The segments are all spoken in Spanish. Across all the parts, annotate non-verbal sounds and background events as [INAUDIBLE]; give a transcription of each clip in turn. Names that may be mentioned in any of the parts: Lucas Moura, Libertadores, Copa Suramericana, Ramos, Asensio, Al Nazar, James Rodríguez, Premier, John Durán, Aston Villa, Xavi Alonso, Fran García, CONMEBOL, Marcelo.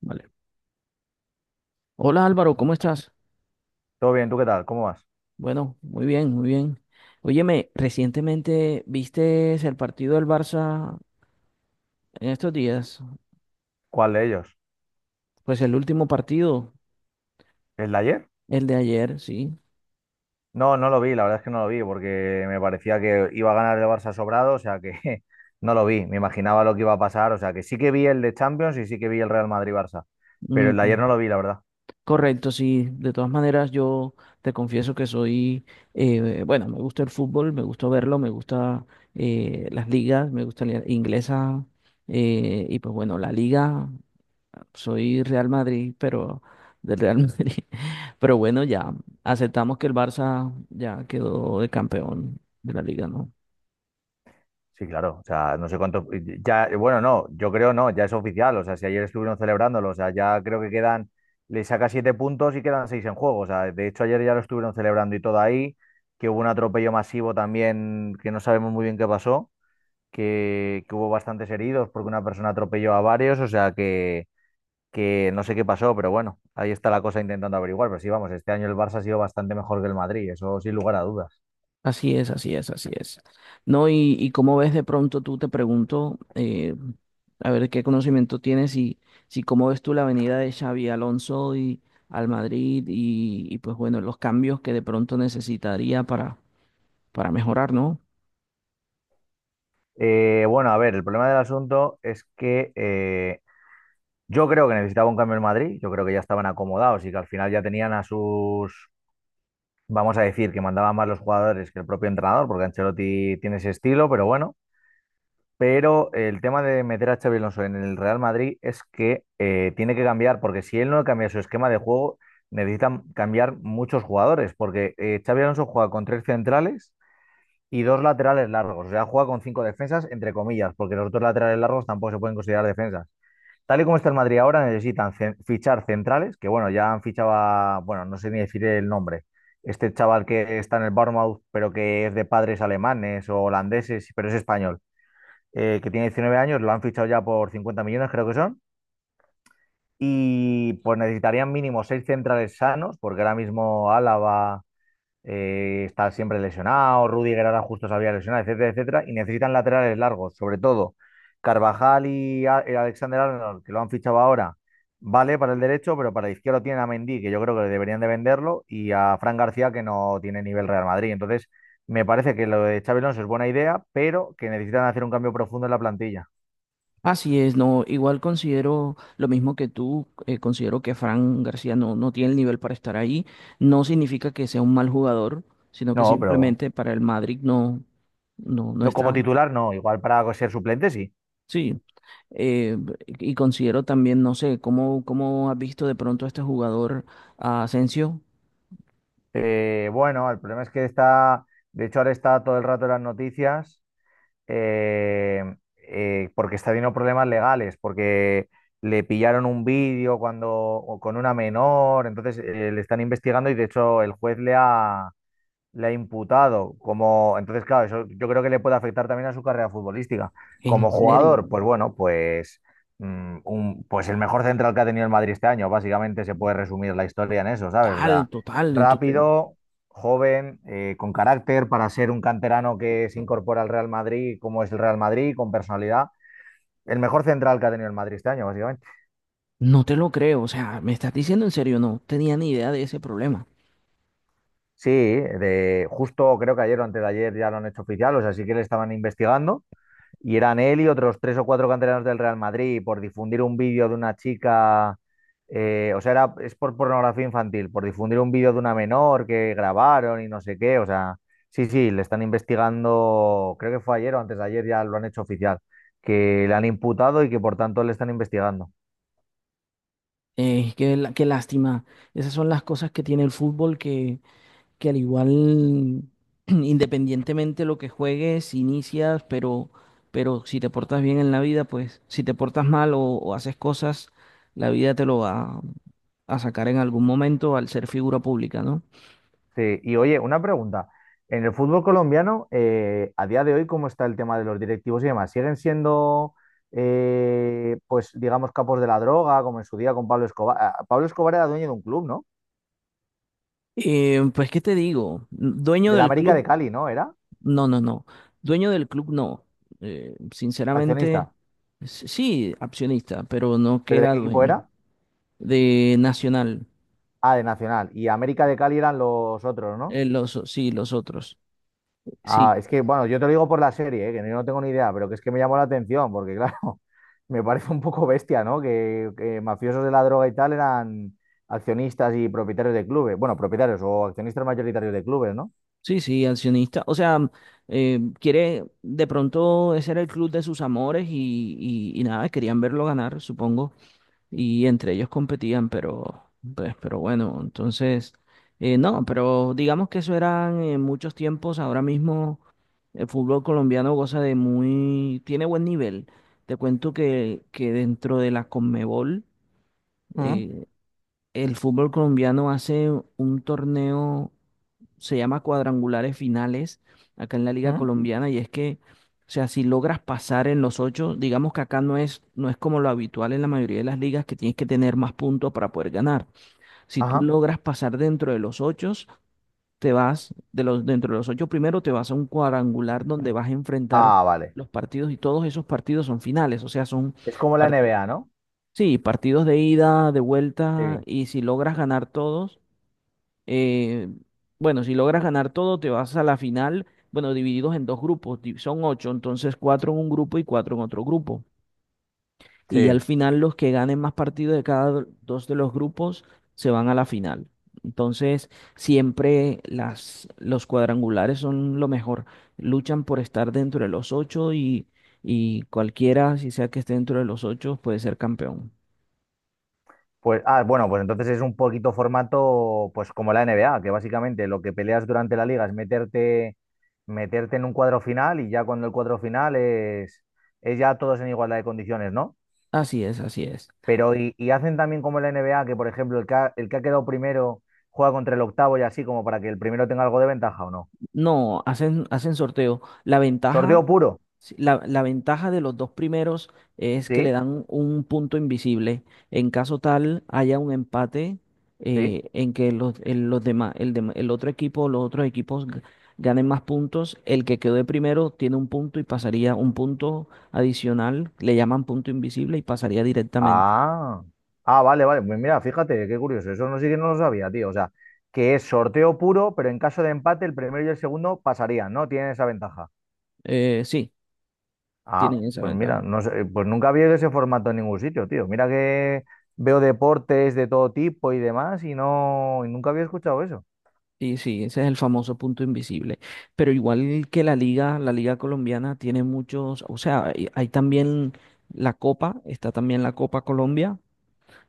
Vale. Hola Álvaro, ¿cómo estás? Todo bien, ¿tú qué tal? ¿Cómo vas? Bueno, muy bien, muy bien. Óyeme, recientemente viste el partido del Barça en estos días, ¿Cuál de ellos? pues el último partido, ¿El de ayer? el de ayer, sí. No, no lo vi, la verdad es que no lo vi porque me parecía que iba a ganar el Barça sobrado, o sea que [LAUGHS] no lo vi, me imaginaba lo que iba a pasar, o sea que sí que vi el de Champions y sí que vi el Real Madrid-Barça, pero Mm, el de ayer co- no lo vi, la verdad. Correcto, sí. De todas maneras, yo te confieso que soy, bueno, me gusta el fútbol, me gusta verlo, me gusta las ligas, me gusta la inglesa y pues bueno, la liga. Soy Real Madrid, pero del Real Madrid. [LAUGHS] Pero bueno, ya aceptamos que el Barça ya quedó de campeón de la liga, ¿no? Sí, claro, o sea, no sé cuánto, ya, bueno, no, yo creo no, ya es oficial, o sea, si ayer estuvieron celebrándolo, o sea, ya creo que quedan, le saca 7 puntos y quedan 6 en juego, o sea, de hecho ayer ya lo estuvieron celebrando y todo ahí, que hubo un atropello masivo también que no sabemos muy bien qué pasó que hubo bastantes heridos porque una persona atropelló a varios, o sea que no sé qué pasó, pero bueno, ahí está la cosa intentando averiguar. Pero sí, vamos, este año el Barça ha sido bastante mejor que el Madrid, eso sin lugar a dudas. Así es, así es, así es. No, y cómo ves de pronto, tú te pregunto, a ver qué conocimiento tienes y si cómo ves tú la venida de Xavi Alonso y al Madrid y pues bueno, los cambios que de pronto necesitaría para mejorar, ¿no? Bueno, a ver, el problema del asunto es que yo creo que necesitaba un cambio en Madrid, yo creo que ya estaban acomodados y que al final ya tenían a sus, vamos a decir, que mandaban más los jugadores que el propio entrenador, porque Ancelotti tiene ese estilo, pero bueno. Pero el tema de meter a Xabi Alonso en el Real Madrid es que tiene que cambiar, porque si él no cambia su esquema de juego, necesitan cambiar muchos jugadores, porque Xabi Alonso juega con tres centrales y dos laterales largos, o sea, juega con cinco defensas, entre comillas, porque los dos laterales largos tampoco se pueden considerar defensas. Tal y como está el Madrid ahora, necesitan fichar centrales, que bueno, ya han fichado a, bueno, no sé ni decir el nombre, este chaval que está en el Bournemouth, pero que es de padres alemanes o holandeses, pero es español, que tiene 19 años, lo han fichado ya por 50 millones, creo que son. Y pues necesitarían mínimo seis centrales sanos, porque ahora mismo Álava está siempre lesionado, Rudiger ahora justo se había lesionado, etcétera, etcétera. Y necesitan laterales largos, sobre todo Carvajal y Alexander Arnold, que lo han fichado ahora, vale para el derecho, pero para el izquierdo tienen a Mendy, que yo creo que deberían de venderlo, y a Fran García, que no tiene nivel Real Madrid. Entonces, me parece que lo de Xabi Alonso es buena idea, pero que necesitan hacer un cambio profundo en la plantilla. Así es, no, igual considero lo mismo que tú, considero que Fran García no tiene el nivel para estar ahí. No significa que sea un mal jugador, sino que No, pero simplemente para el Madrid no no como está. titular, no. Igual para ser suplente, sí. Sí, eh, y considero también, no sé, cómo has visto de pronto a este jugador, a Asensio? Bueno, el problema es que está, de hecho, ahora está todo el rato en las noticias eh, porque está teniendo problemas legales, porque le pillaron un vídeo cuando o con una menor, entonces le están investigando y de hecho el juez le ha imputado como, entonces, claro, eso yo creo que le puede afectar también a su carrera futbolística. En Como serio, jugador, pues bueno, pues, pues el mejor central que ha tenido el Madrid este año, básicamente se puede resumir la historia en eso, ¿sabes? O total, sea, total, entonces rápido, joven, con carácter para ser un canterano que se incorpora al Real Madrid, como es el Real Madrid, con personalidad. El mejor central que ha tenido el Madrid este año, básicamente. no te lo creo, o sea, me estás diciendo en serio, no tenía ni idea de ese problema. Sí, de justo creo que ayer o antes de ayer ya lo han hecho oficial, o sea, sí que le estaban investigando. Y eran él y otros tres o cuatro canteranos del Real Madrid por difundir un vídeo de una chica, o sea, era, es por pornografía infantil, por difundir un vídeo de una menor que grabaron y no sé qué, o sea, sí, sí, le están investigando, creo que fue ayer o antes de ayer ya lo han hecho oficial, que le han imputado y que por tanto le están investigando. Qué lástima. Esas son las cosas que tiene el fútbol que al igual, [CLEARS THROAT] independientemente lo que juegues, inicias, pero si te portas bien en la vida, pues si te portas mal o haces cosas, la vida te lo va a sacar en algún momento al ser figura pública, ¿no? Sí, y oye, una pregunta. En el fútbol colombiano, a día de hoy, ¿cómo está el tema de los directivos y demás? ¿Siguen siendo, pues, digamos, capos de la droga, como en su día con Pablo Escobar? Ah, Pablo Escobar era dueño de un club, ¿no? Pues, ¿qué te digo? Dueño Del del América de club, Cali, ¿no? Era no, no, no. Dueño del club, no. Sinceramente, accionista. Sí, accionista, pero no que ¿Pero de era qué equipo dueño. era? De Nacional. Ah, de Nacional. Y América de Cali eran los otros, ¿no? Los, sí, los otros. Ah, Sí, es que, bueno, yo te lo digo por la serie, ¿eh? Que yo no tengo ni idea, pero que es que me llamó la atención, porque claro, [LAUGHS] me parece un poco bestia, ¿no? Que mafiosos de la droga y tal eran accionistas y propietarios de clubes. Bueno, propietarios o accionistas mayoritarios de clubes, ¿no? sí, sí, accionista. O sea, quiere, de pronto ese era el club de sus amores y nada, querían verlo ganar, supongo. Y entre ellos competían, pero, pues, pero bueno, entonces, no, pero digamos que eso eran en muchos tiempos. Ahora mismo el fútbol colombiano goza de muy, tiene buen nivel. Te cuento que dentro de la Conmebol, Mm, eh, el fútbol colombiano hace un torneo, se llama cuadrangulares finales, acá en la Liga mm. Colombiana, y es que, o sea, si logras pasar en los ocho, digamos que acá no es, no es como lo habitual en la mayoría de las ligas, que tienes que tener más puntos para poder ganar. Si tú Ajá. logras pasar dentro de los ocho, te vas, de los, dentro de los ocho primero, te vas a un cuadrangular donde vas a enfrentar Ah, vale. los partidos y todos esos partidos son finales, o sea, son Es como la partidos. NBA, ¿no? Sí, partidos de ida, de vuelta, Sí. y si logras ganar todos, eh, bueno, si logras ganar todo, te vas a la final, bueno, divididos en dos grupos, son ocho, entonces cuatro en un grupo y cuatro en otro grupo. Y ya al Sí. final los que ganen más partidos de cada dos de los grupos se van a la final. Entonces, siempre los cuadrangulares son lo mejor. Luchan por estar dentro de los ocho y cualquiera, si sea que esté dentro de los ocho, puede ser campeón. Pues, ah, bueno, pues entonces es un poquito formato, pues como la NBA, que básicamente lo que peleas durante la liga es meterte, meterte en un cuadro final y ya cuando el cuadro final es ya todos en igualdad de condiciones, ¿no? Así es, así es. Pero y hacen también como la NBA, que por ejemplo el que ha quedado primero juega contra el octavo y así como para que el primero tenga algo de ventaja o no. No, hacen, hacen sorteo. La Sorteo ventaja, puro, sí, la ventaja de los dos primeros es que le sí, dan un punto invisible. En caso tal haya un empate sí. En que los demás, el otro equipo, los otros equipos ganen más puntos, el que quedó de primero tiene un punto y pasaría un punto adicional, le llaman punto invisible y pasaría directamente. Ah, ah, vale, vale. Pues mira, fíjate, qué curioso. Eso no sí que no lo sabía, tío. O sea, que es sorteo puro, pero en caso de empate, el primero y el segundo pasarían, ¿no? Tienen esa ventaja. Sí, Ah, tienen esa pues mira, ventaja. no sé, pues nunca había ese formato en ningún sitio, tío. Mira que veo deportes de todo tipo y demás, y no, y nunca había escuchado eso. Sí, sí, ese es el famoso punto invisible. Pero igual que la liga colombiana tiene muchos, o sea, hay también la Copa, está también la Copa Colombia,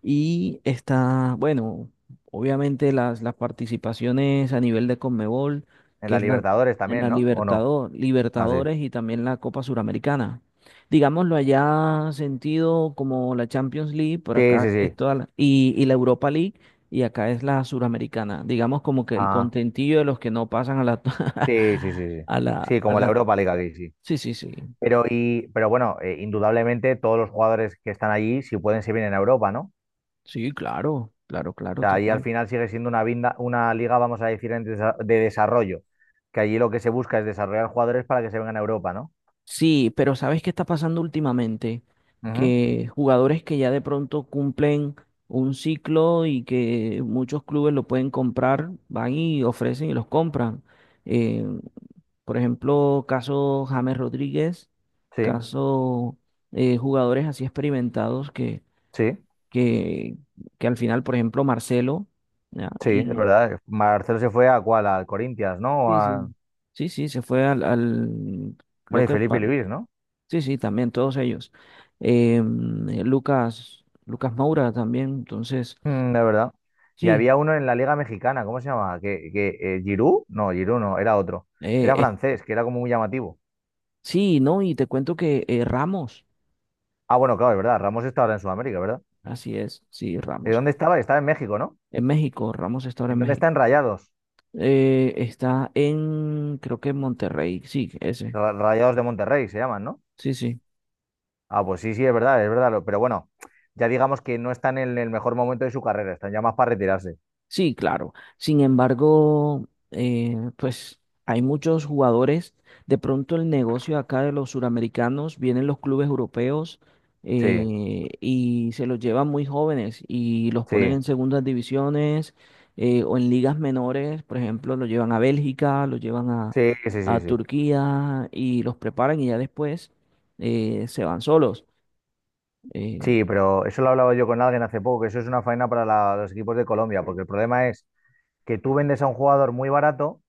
y está, bueno, obviamente las participaciones a nivel de CONMEBOL, En que la es la, Libertadores en también, la ¿no? ¿O no? Ah, sí. Libertadores y también la Copa Suramericana. Digámoslo allá sentido como la Champions League, por Sí, sí, acá es sí. Y la Europa League, y acá es la Suramericana. Digamos como que el Ah, contentillo de los que no pasan a la, sí, sí, [LAUGHS] sí, sí. Sí, a como la la, Europa League aquí, sí. sí, sí, sí, Pero, y, pero bueno, indudablemente todos los jugadores que están allí, si pueden, se vienen a Europa, ¿no? O sí, claro, claro, claro, sea, ahí al total. final sigue siendo una, una liga, vamos a decir, en de desarrollo, que allí lo que se busca es desarrollar jugadores para que se vengan a Europa, ¿no? Sí, pero ¿sabes qué está pasando últimamente? Ujú. Que jugadores que ya de pronto cumplen un ciclo y que muchos clubes lo pueden comprar, van y ofrecen y los compran. Eh, por ejemplo, caso James Rodríguez, Sí, caso jugadores así experimentados sí, que, que al final, por ejemplo, Marcelo, ¿ya? sí, es Y verdad. Marcelo se fue a cuál, al Corinthians, ¿no? sí, A- sí. Sí, sí, se fue creo Bueno, y que Felipe Luis, ¿no? sí, sí, también todos ellos. Lucas Moura también, entonces, Mm, es verdad. Y sí, había uno en la Liga Mexicana, ¿cómo se llamaba? Que, Giroud? No, Giroud no, era otro. eh, Era eh, francés, que era como muy llamativo. sí, no, y te cuento que Ramos, Ah, bueno, claro, es verdad. Ramos está ahora en Sudamérica, ¿verdad? así es, sí, ¿De Ramos, dónde estaba? Estaba en México, ¿no? en México, Ramos está ahora ¿En en dónde están México. Rayados? Está en, creo que en Monterrey, sí, ese, Rayados de Monterrey se llaman, ¿no? sí, sí. Ah, pues sí, sí, es verdad, es verdad. Pero bueno, ya digamos que no están en el mejor momento de su carrera, están ya más para retirarse. Sí, claro. Sin embargo, pues hay muchos jugadores. De pronto el negocio acá de los suramericanos, vienen los clubes europeos Sí, y se los llevan muy jóvenes y los ponen sí, en segundas divisiones o en ligas menores. Por ejemplo, los llevan a Bélgica, sí, sí, a sí, sí. Turquía y los preparan y ya después se van solos. Eh, Sí, pero eso lo hablaba yo con alguien hace poco, que eso es una faena para los equipos de Colombia, porque el problema es que tú vendes a un jugador muy barato,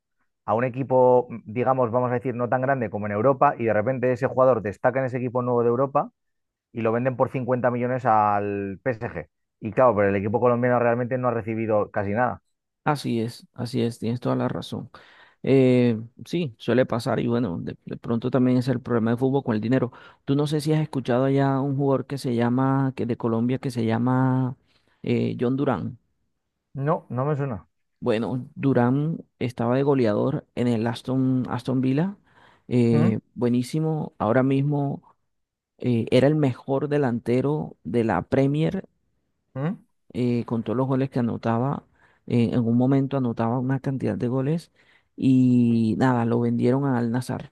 a un equipo, digamos, vamos a decir, no tan grande como en Europa, y de repente ese jugador destaca en ese equipo nuevo de Europa y lo venden por 50 millones al PSG. Y claro, pero el equipo colombiano realmente no ha recibido casi nada. Así es, tienes toda la razón. Sí, suele pasar y bueno, de pronto también es el problema del fútbol con el dinero. Tú no sé si has escuchado allá un jugador que se llama, que de Colombia, que se llama John Durán. No, no me suena. Bueno, Durán estaba de goleador en el Aston Villa, ¿Mm? Buenísimo. Ahora mismo era el mejor delantero de la Premier ¿Mm? Con todos los goles que anotaba. En un momento anotaba una cantidad de goles y nada, lo vendieron a Al Nazar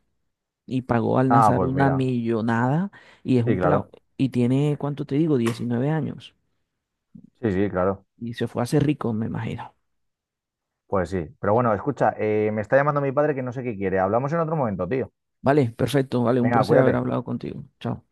y pagó Al Ah, Nazar pues una mira, millonada y es sí, un pelado. claro. Y tiene, ¿cuánto te digo? 19 años. Sí, sí, claro. Y se fue a hacer rico, me imagino. Pues sí. Pero bueno, escucha, me está llamando mi padre que no sé qué quiere. Hablamos en otro momento, tío. Vale, perfecto, vale, un Venga, placer haber cuídate. hablado contigo. Chao.